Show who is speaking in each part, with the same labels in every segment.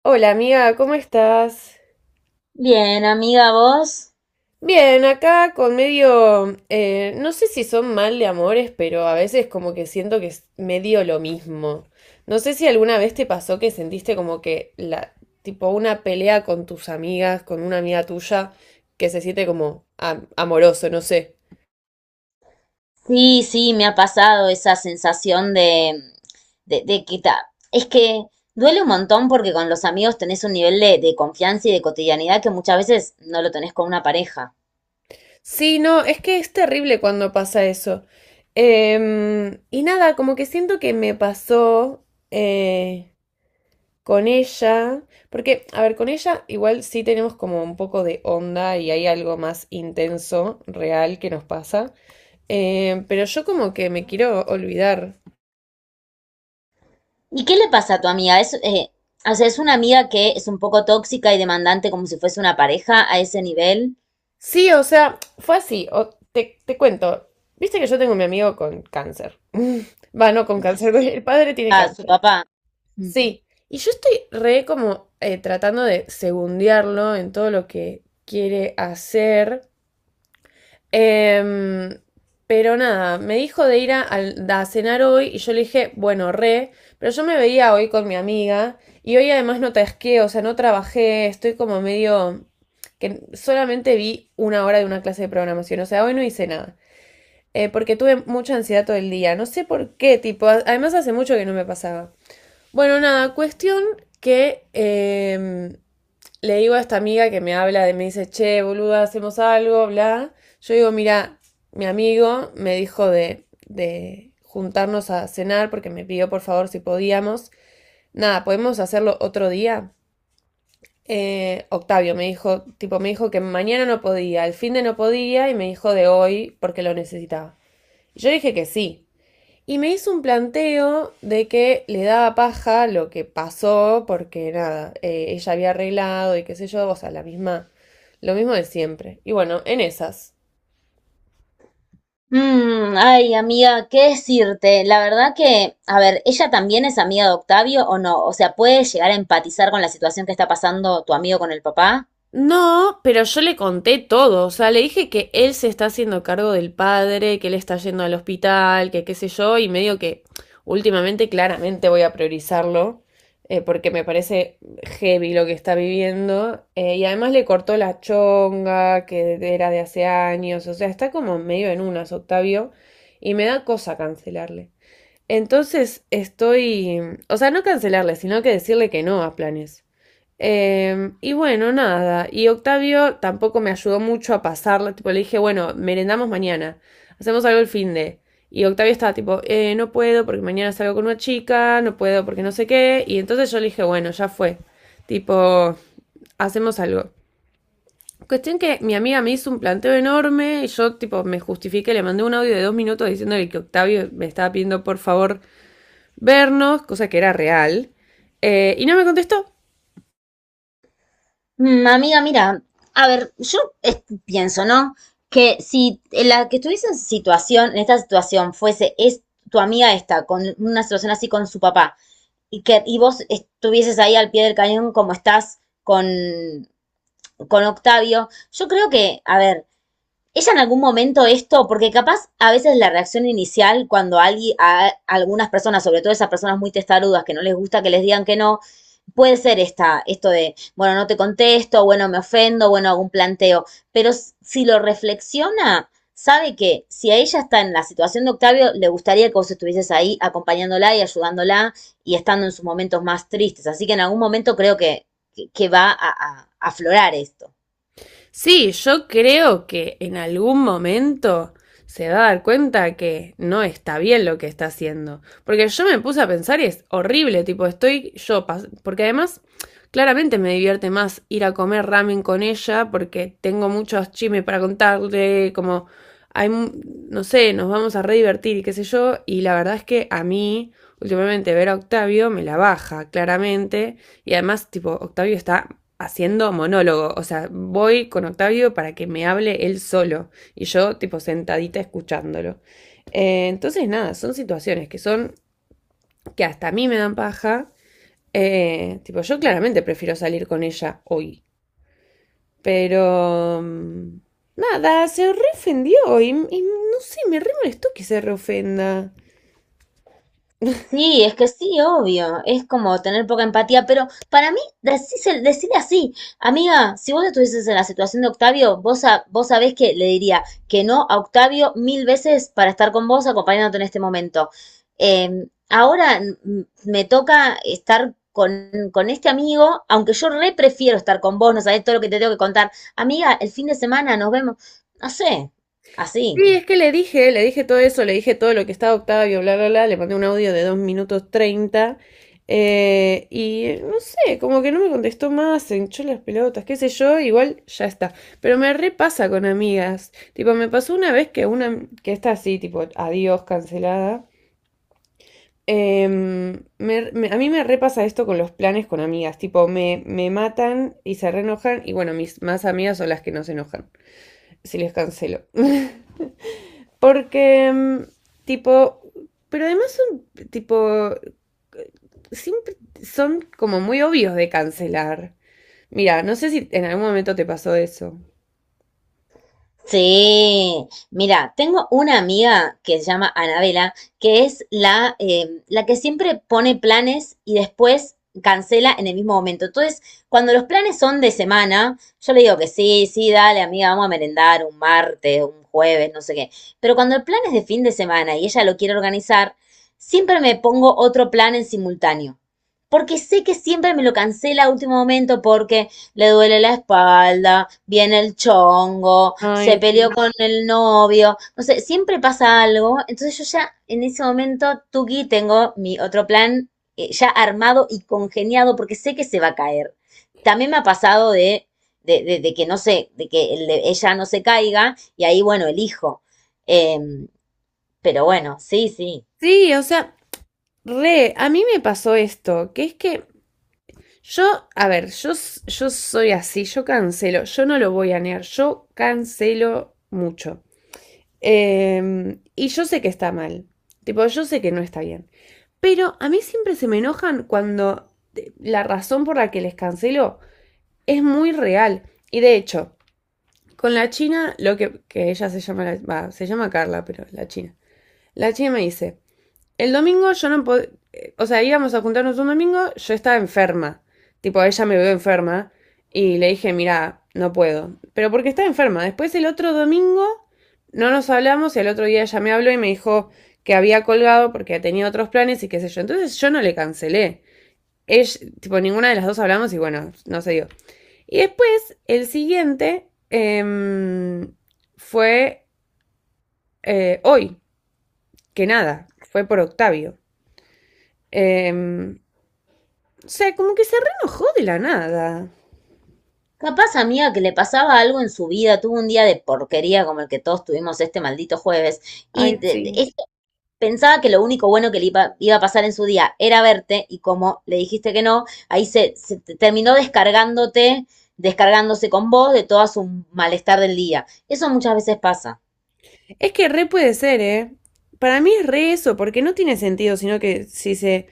Speaker 1: Hola amiga, ¿cómo estás?
Speaker 2: Bien, amiga, vos.
Speaker 1: Bien, acá con medio, no sé si son mal de amores, pero a veces como que siento que es medio lo mismo. No sé si alguna vez te pasó que sentiste como que tipo una pelea con tus amigas, con una amiga tuya, que se siente como amoroso, no sé.
Speaker 2: Sí, sí, me ha pasado esa sensación de que es que duele un montón porque con los amigos tenés un nivel de confianza y de cotidianidad que muchas veces no lo tenés con una pareja.
Speaker 1: Sí, no, es que es terrible cuando pasa eso. Y nada, como que siento que me pasó, eh, Con ella, porque, a ver, con ella igual sí tenemos como un poco de onda y hay algo más intenso, real que nos pasa, pero yo como que me quiero olvidar.
Speaker 2: ¿Y qué le pasa a tu amiga? O sea, es una amiga que es un poco tóxica y demandante como si fuese una pareja a ese nivel.
Speaker 1: Sí, o sea, fue así, te cuento, viste que yo tengo a mi amigo con cáncer. Va, no con cáncer, el padre tiene
Speaker 2: A su
Speaker 1: cáncer.
Speaker 2: papá. Mm.
Speaker 1: Sí, y yo estoy re como tratando de segundearlo en todo lo que quiere hacer. Em, pero nada, me dijo de ir a cenar hoy y yo le dije, bueno, re, pero yo me veía hoy con mi amiga y hoy además no tasqué, o sea, no trabajé, estoy como medio que solamente vi una hora de una clase de programación, o sea, hoy no hice nada, porque tuve mucha ansiedad todo el día, no sé por qué, tipo, además hace mucho que no me pasaba. Bueno, nada, cuestión que le digo a esta amiga que me habla, de, me dice, che, boluda, hacemos algo, bla. Yo digo, mira, mi amigo me dijo de juntarnos a cenar porque me pidió por favor si podíamos. Nada, ¿podemos hacerlo otro día? Octavio me dijo, tipo, me dijo que mañana no podía, el fin de no podía y me dijo de hoy porque lo necesitaba. Yo dije que sí, y me hizo un planteo de que le daba paja lo que pasó, porque nada, ella había arreglado y qué sé yo, o sea, la misma, lo mismo de siempre. Y bueno, en esas.
Speaker 2: Ay, amiga, ¿qué decirte? La verdad que, a ver, ¿ella también es amiga de Octavio o no? O sea, ¿puede llegar a empatizar con la situación que está pasando tu amigo con el papá?
Speaker 1: No, pero yo le conté todo, o sea, le dije que él se está haciendo cargo del padre, que él está yendo al hospital, que qué sé yo, y medio que últimamente claramente voy a priorizarlo, porque me parece heavy lo que está viviendo, y además le cortó la chonga, que era de hace años, o sea, está como medio en unas, Octavio, y me da cosa cancelarle. Entonces estoy, o sea, no cancelarle, sino que decirle que no a planes. Y bueno, nada. Y Octavio tampoco me ayudó mucho a pasarla. Tipo, le dije, bueno, merendamos mañana. Hacemos algo el fin de. Y Octavio estaba tipo, no puedo porque mañana salgo con una chica, no puedo porque no sé qué. Y entonces yo le dije, bueno, ya fue. Tipo, hacemos algo. Cuestión que mi amiga me hizo un planteo enorme y yo, tipo, me justifiqué, le mandé un audio de 2 minutos diciéndole que Octavio me estaba pidiendo por favor vernos, cosa que era real. Y no me contestó.
Speaker 2: Amiga, mira, a ver, yo pienso, ¿no? Que si la que estuviese en esta situación es tu amiga esta, con una situación así con su papá, y que, y vos estuvieses ahí al pie del cañón como estás con Octavio, yo creo que, a ver, ella en algún momento esto, porque capaz a veces la reacción inicial cuando alguien, a algunas personas, sobre todo esas personas muy testarudas que no les gusta que les digan que no, puede ser esta, esto de, bueno, no te contesto, bueno, me ofendo, bueno, hago un planteo, pero si lo reflexiona, sabe que si a ella está en la situación de Octavio, le gustaría que vos estuvieses ahí acompañándola y ayudándola y estando en sus momentos más tristes. Así que en algún momento creo que va a aflorar esto.
Speaker 1: Sí, yo creo que en algún momento se va a dar cuenta que no está bien lo que está haciendo. Porque yo me puse a pensar y es horrible, tipo, estoy yo, porque además claramente me divierte más ir a comer ramen con ella porque tengo muchos chismes para contarle, como hay, no sé, nos vamos a re divertir y qué sé yo, y la verdad es que a mí últimamente ver a Octavio me la baja, claramente, y además, tipo, Octavio está haciendo monólogo. O sea, voy con Octavio para que me hable él solo. Y yo, tipo, sentadita escuchándolo. Entonces, nada, son situaciones que son, que hasta a mí me dan paja. Tipo, yo claramente prefiero salir con ella hoy. Pero, nada, se reofendió y no sé, me re molestó que se reofenda.
Speaker 2: Sí, es que sí, obvio, es como tener poca empatía, pero para mí, decirle así, amiga, si vos estuvieses en la situación de Octavio, vos, sabés que le diría que no a Octavio mil veces para estar con vos acompañándote en este momento. Ahora me toca estar con este amigo, aunque yo re prefiero estar con vos, no sabés todo lo que te tengo que contar. Amiga, el fin de semana nos vemos, no sé, así.
Speaker 1: Sí, es que le dije todo eso, le dije todo lo que estaba Octavio, bla, bla, bla, le mandé un audio de 2:30 y no sé, como que no me contestó más, se hinchó las pelotas, qué sé yo, igual ya está. Pero me repasa con amigas, tipo, me pasó una vez que una, que está así, tipo, adiós, cancelada. Em, a mí me repasa esto con los planes con amigas, tipo, me matan y se reenojan y bueno, mis más amigas son las que no se enojan, si les cancelo. Porque, tipo, pero además son, tipo, siempre son como muy obvios de cancelar. Mira, no sé si en algún momento te pasó eso.
Speaker 2: Sí, mira, tengo una amiga que se llama Anabela, que es la, la que siempre pone planes y después cancela en el mismo momento. Entonces, cuando los planes son de semana, yo le digo que sí, sí, dale, amiga, vamos a merendar un martes, un jueves, no sé qué. Pero cuando el plan es de fin de semana y ella lo quiere organizar, siempre me pongo otro plan en simultáneo. Porque sé que siempre me lo cancela a último momento porque le duele la espalda, viene el chongo, se
Speaker 1: Ay,
Speaker 2: peleó
Speaker 1: sí.
Speaker 2: con el novio, no sé, siempre pasa algo. Entonces yo ya en ese momento, Tuki, tengo mi otro plan ya armado y congeniado porque sé que se va a caer. También me ha pasado de, de que no sé, de que el de ella no se caiga y ahí, bueno, elijo. Em, pero bueno, sí, sí.
Speaker 1: Sí, o sea, re, a mí me pasó esto, que es que yo, a ver, yo, yo soy así, yo cancelo, yo no lo voy a negar, yo cancelo mucho. Y yo sé que está mal, tipo, yo sé que no está bien. Pero a mí siempre se me enojan cuando la razón por la que les canceló es muy real. Y de hecho, con la China, lo que ella se llama, se llama Carla, pero la China. La China me dice, el domingo yo no podía. O sea, íbamos a juntarnos un domingo, yo estaba enferma. Tipo, ella me vio enferma. Y le dije, mira, no puedo. Pero porque estaba enferma. Después el otro domingo no nos hablamos y el otro día ella me habló y me dijo que había colgado porque tenía otros planes y qué sé yo. Entonces yo no le cancelé. Ella, tipo, ninguna de las dos hablamos y bueno, no se dio. Y después, el siguiente fue hoy, que nada, fue por Octavio. Em, O sea, como que se reenojó de la nada.
Speaker 2: Capaz, amiga, que le pasaba algo en su vida, tuvo un día de porquería como el que todos tuvimos este maldito jueves. Y
Speaker 1: Ay,
Speaker 2: de-
Speaker 1: sí.
Speaker 2: es Pensaba que lo único bueno que le iba a pasar en su día era verte y como le dijiste que no, ahí se terminó descargándote, descargándose con vos de todo su malestar del día. Eso muchas veces pasa.
Speaker 1: Es que re puede ser, ¿eh? Para mí es re eso, porque no tiene sentido, sino que si se…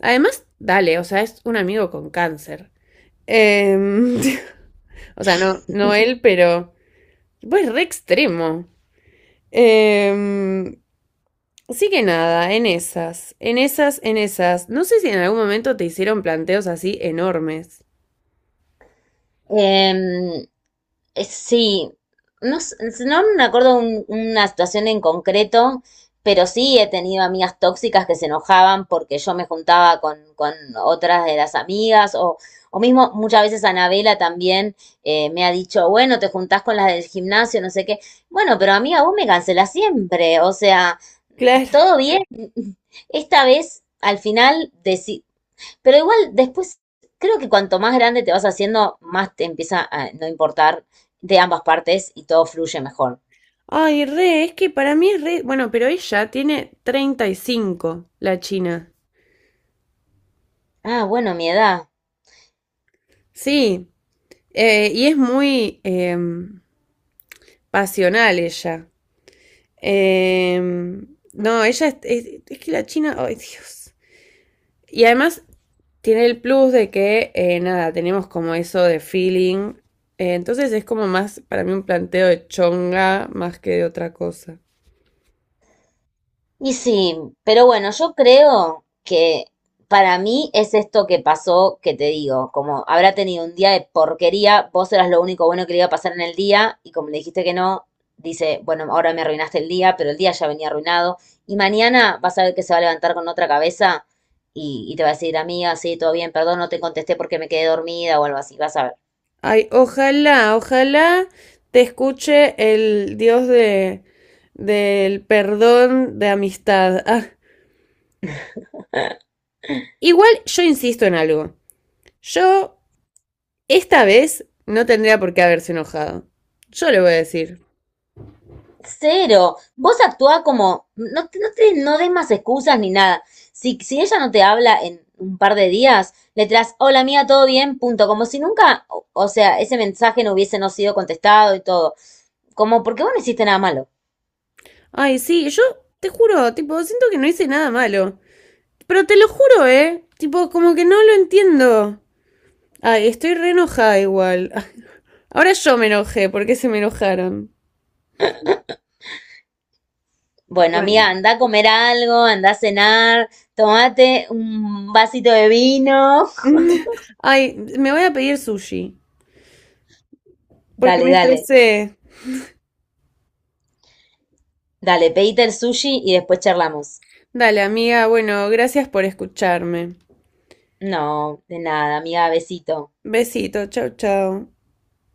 Speaker 1: Además, dale, o sea, es un amigo con cáncer. Em, O sea, no, no él, pero… Pues re extremo. Em, Así que nada, en esas, en esas, en esas. No sé si en algún momento te hicieron planteos así enormes.
Speaker 2: Em, Sí, no, no me acuerdo una situación en concreto, pero sí he tenido amigas tóxicas que se enojaban porque yo me juntaba con otras de las amigas, o, mismo muchas veces Anabela también me ha dicho, bueno, te juntás con las del gimnasio, no sé qué. Bueno, pero amiga, vos me cancelás siempre, o sea,
Speaker 1: Claro.
Speaker 2: todo bien. Esta vez, al final, pero igual después, creo que cuanto más grande te vas haciendo, más te empieza a no importar de ambas partes y todo fluye mejor.
Speaker 1: Ay, re, es que para mí es re. Bueno, pero ella tiene 35, la China.
Speaker 2: Ah, bueno, mi edad.
Speaker 1: Sí, y es muy pasional ella. No, ella es, es que la China. Ay, Dios. Y además tiene el plus de que, nada, tenemos como eso de feeling. Entonces es como más, para mí, un planteo de chonga más que de otra cosa.
Speaker 2: Y sí, pero bueno, yo creo que para mí es esto que pasó, que te digo, como habrá tenido un día de porquería, vos eras lo único bueno que le iba a pasar en el día y como le dijiste que no, dice, bueno, ahora me arruinaste el día, pero el día ya venía arruinado y mañana vas a ver que se va a levantar con otra cabeza y te va a decir, amiga, sí, todo bien, perdón, no te contesté porque me quedé dormida o algo así, vas a ver.
Speaker 1: Ay, ojalá, ojalá te escuche el Dios de del perdón de amistad. Ah, igual yo insisto en algo. Yo esta vez no tendría por qué haberse enojado. Yo le voy a decir.
Speaker 2: Cero. Vos actúa como. No, no des más excusas ni nada. Si ella no te habla en un par de días, le traes hola mía, todo bien, punto. Como si nunca. O sea, ese mensaje no hubiese no sido contestado y todo. Como, ¿porque vos no hiciste nada malo?
Speaker 1: Ay, sí, yo te juro, tipo, siento que no hice nada malo. Pero te lo juro, ¿eh? Tipo, como que no lo entiendo. Ay, estoy re enojada igual. Ah, ahora yo me enojé porque se me enojaron.
Speaker 2: Bueno,
Speaker 1: Bueno,
Speaker 2: amiga, anda a comer algo, anda a cenar, tomate un vasito de vino.
Speaker 1: mm, ay, me voy a pedir sushi, porque
Speaker 2: Dale,
Speaker 1: me
Speaker 2: dale.
Speaker 1: estresé.
Speaker 2: Dale, pedite el sushi y después charlamos.
Speaker 1: Dale, amiga, bueno, gracias por escucharme.
Speaker 2: No, de nada, amiga, besito.
Speaker 1: Besito, chau, chau.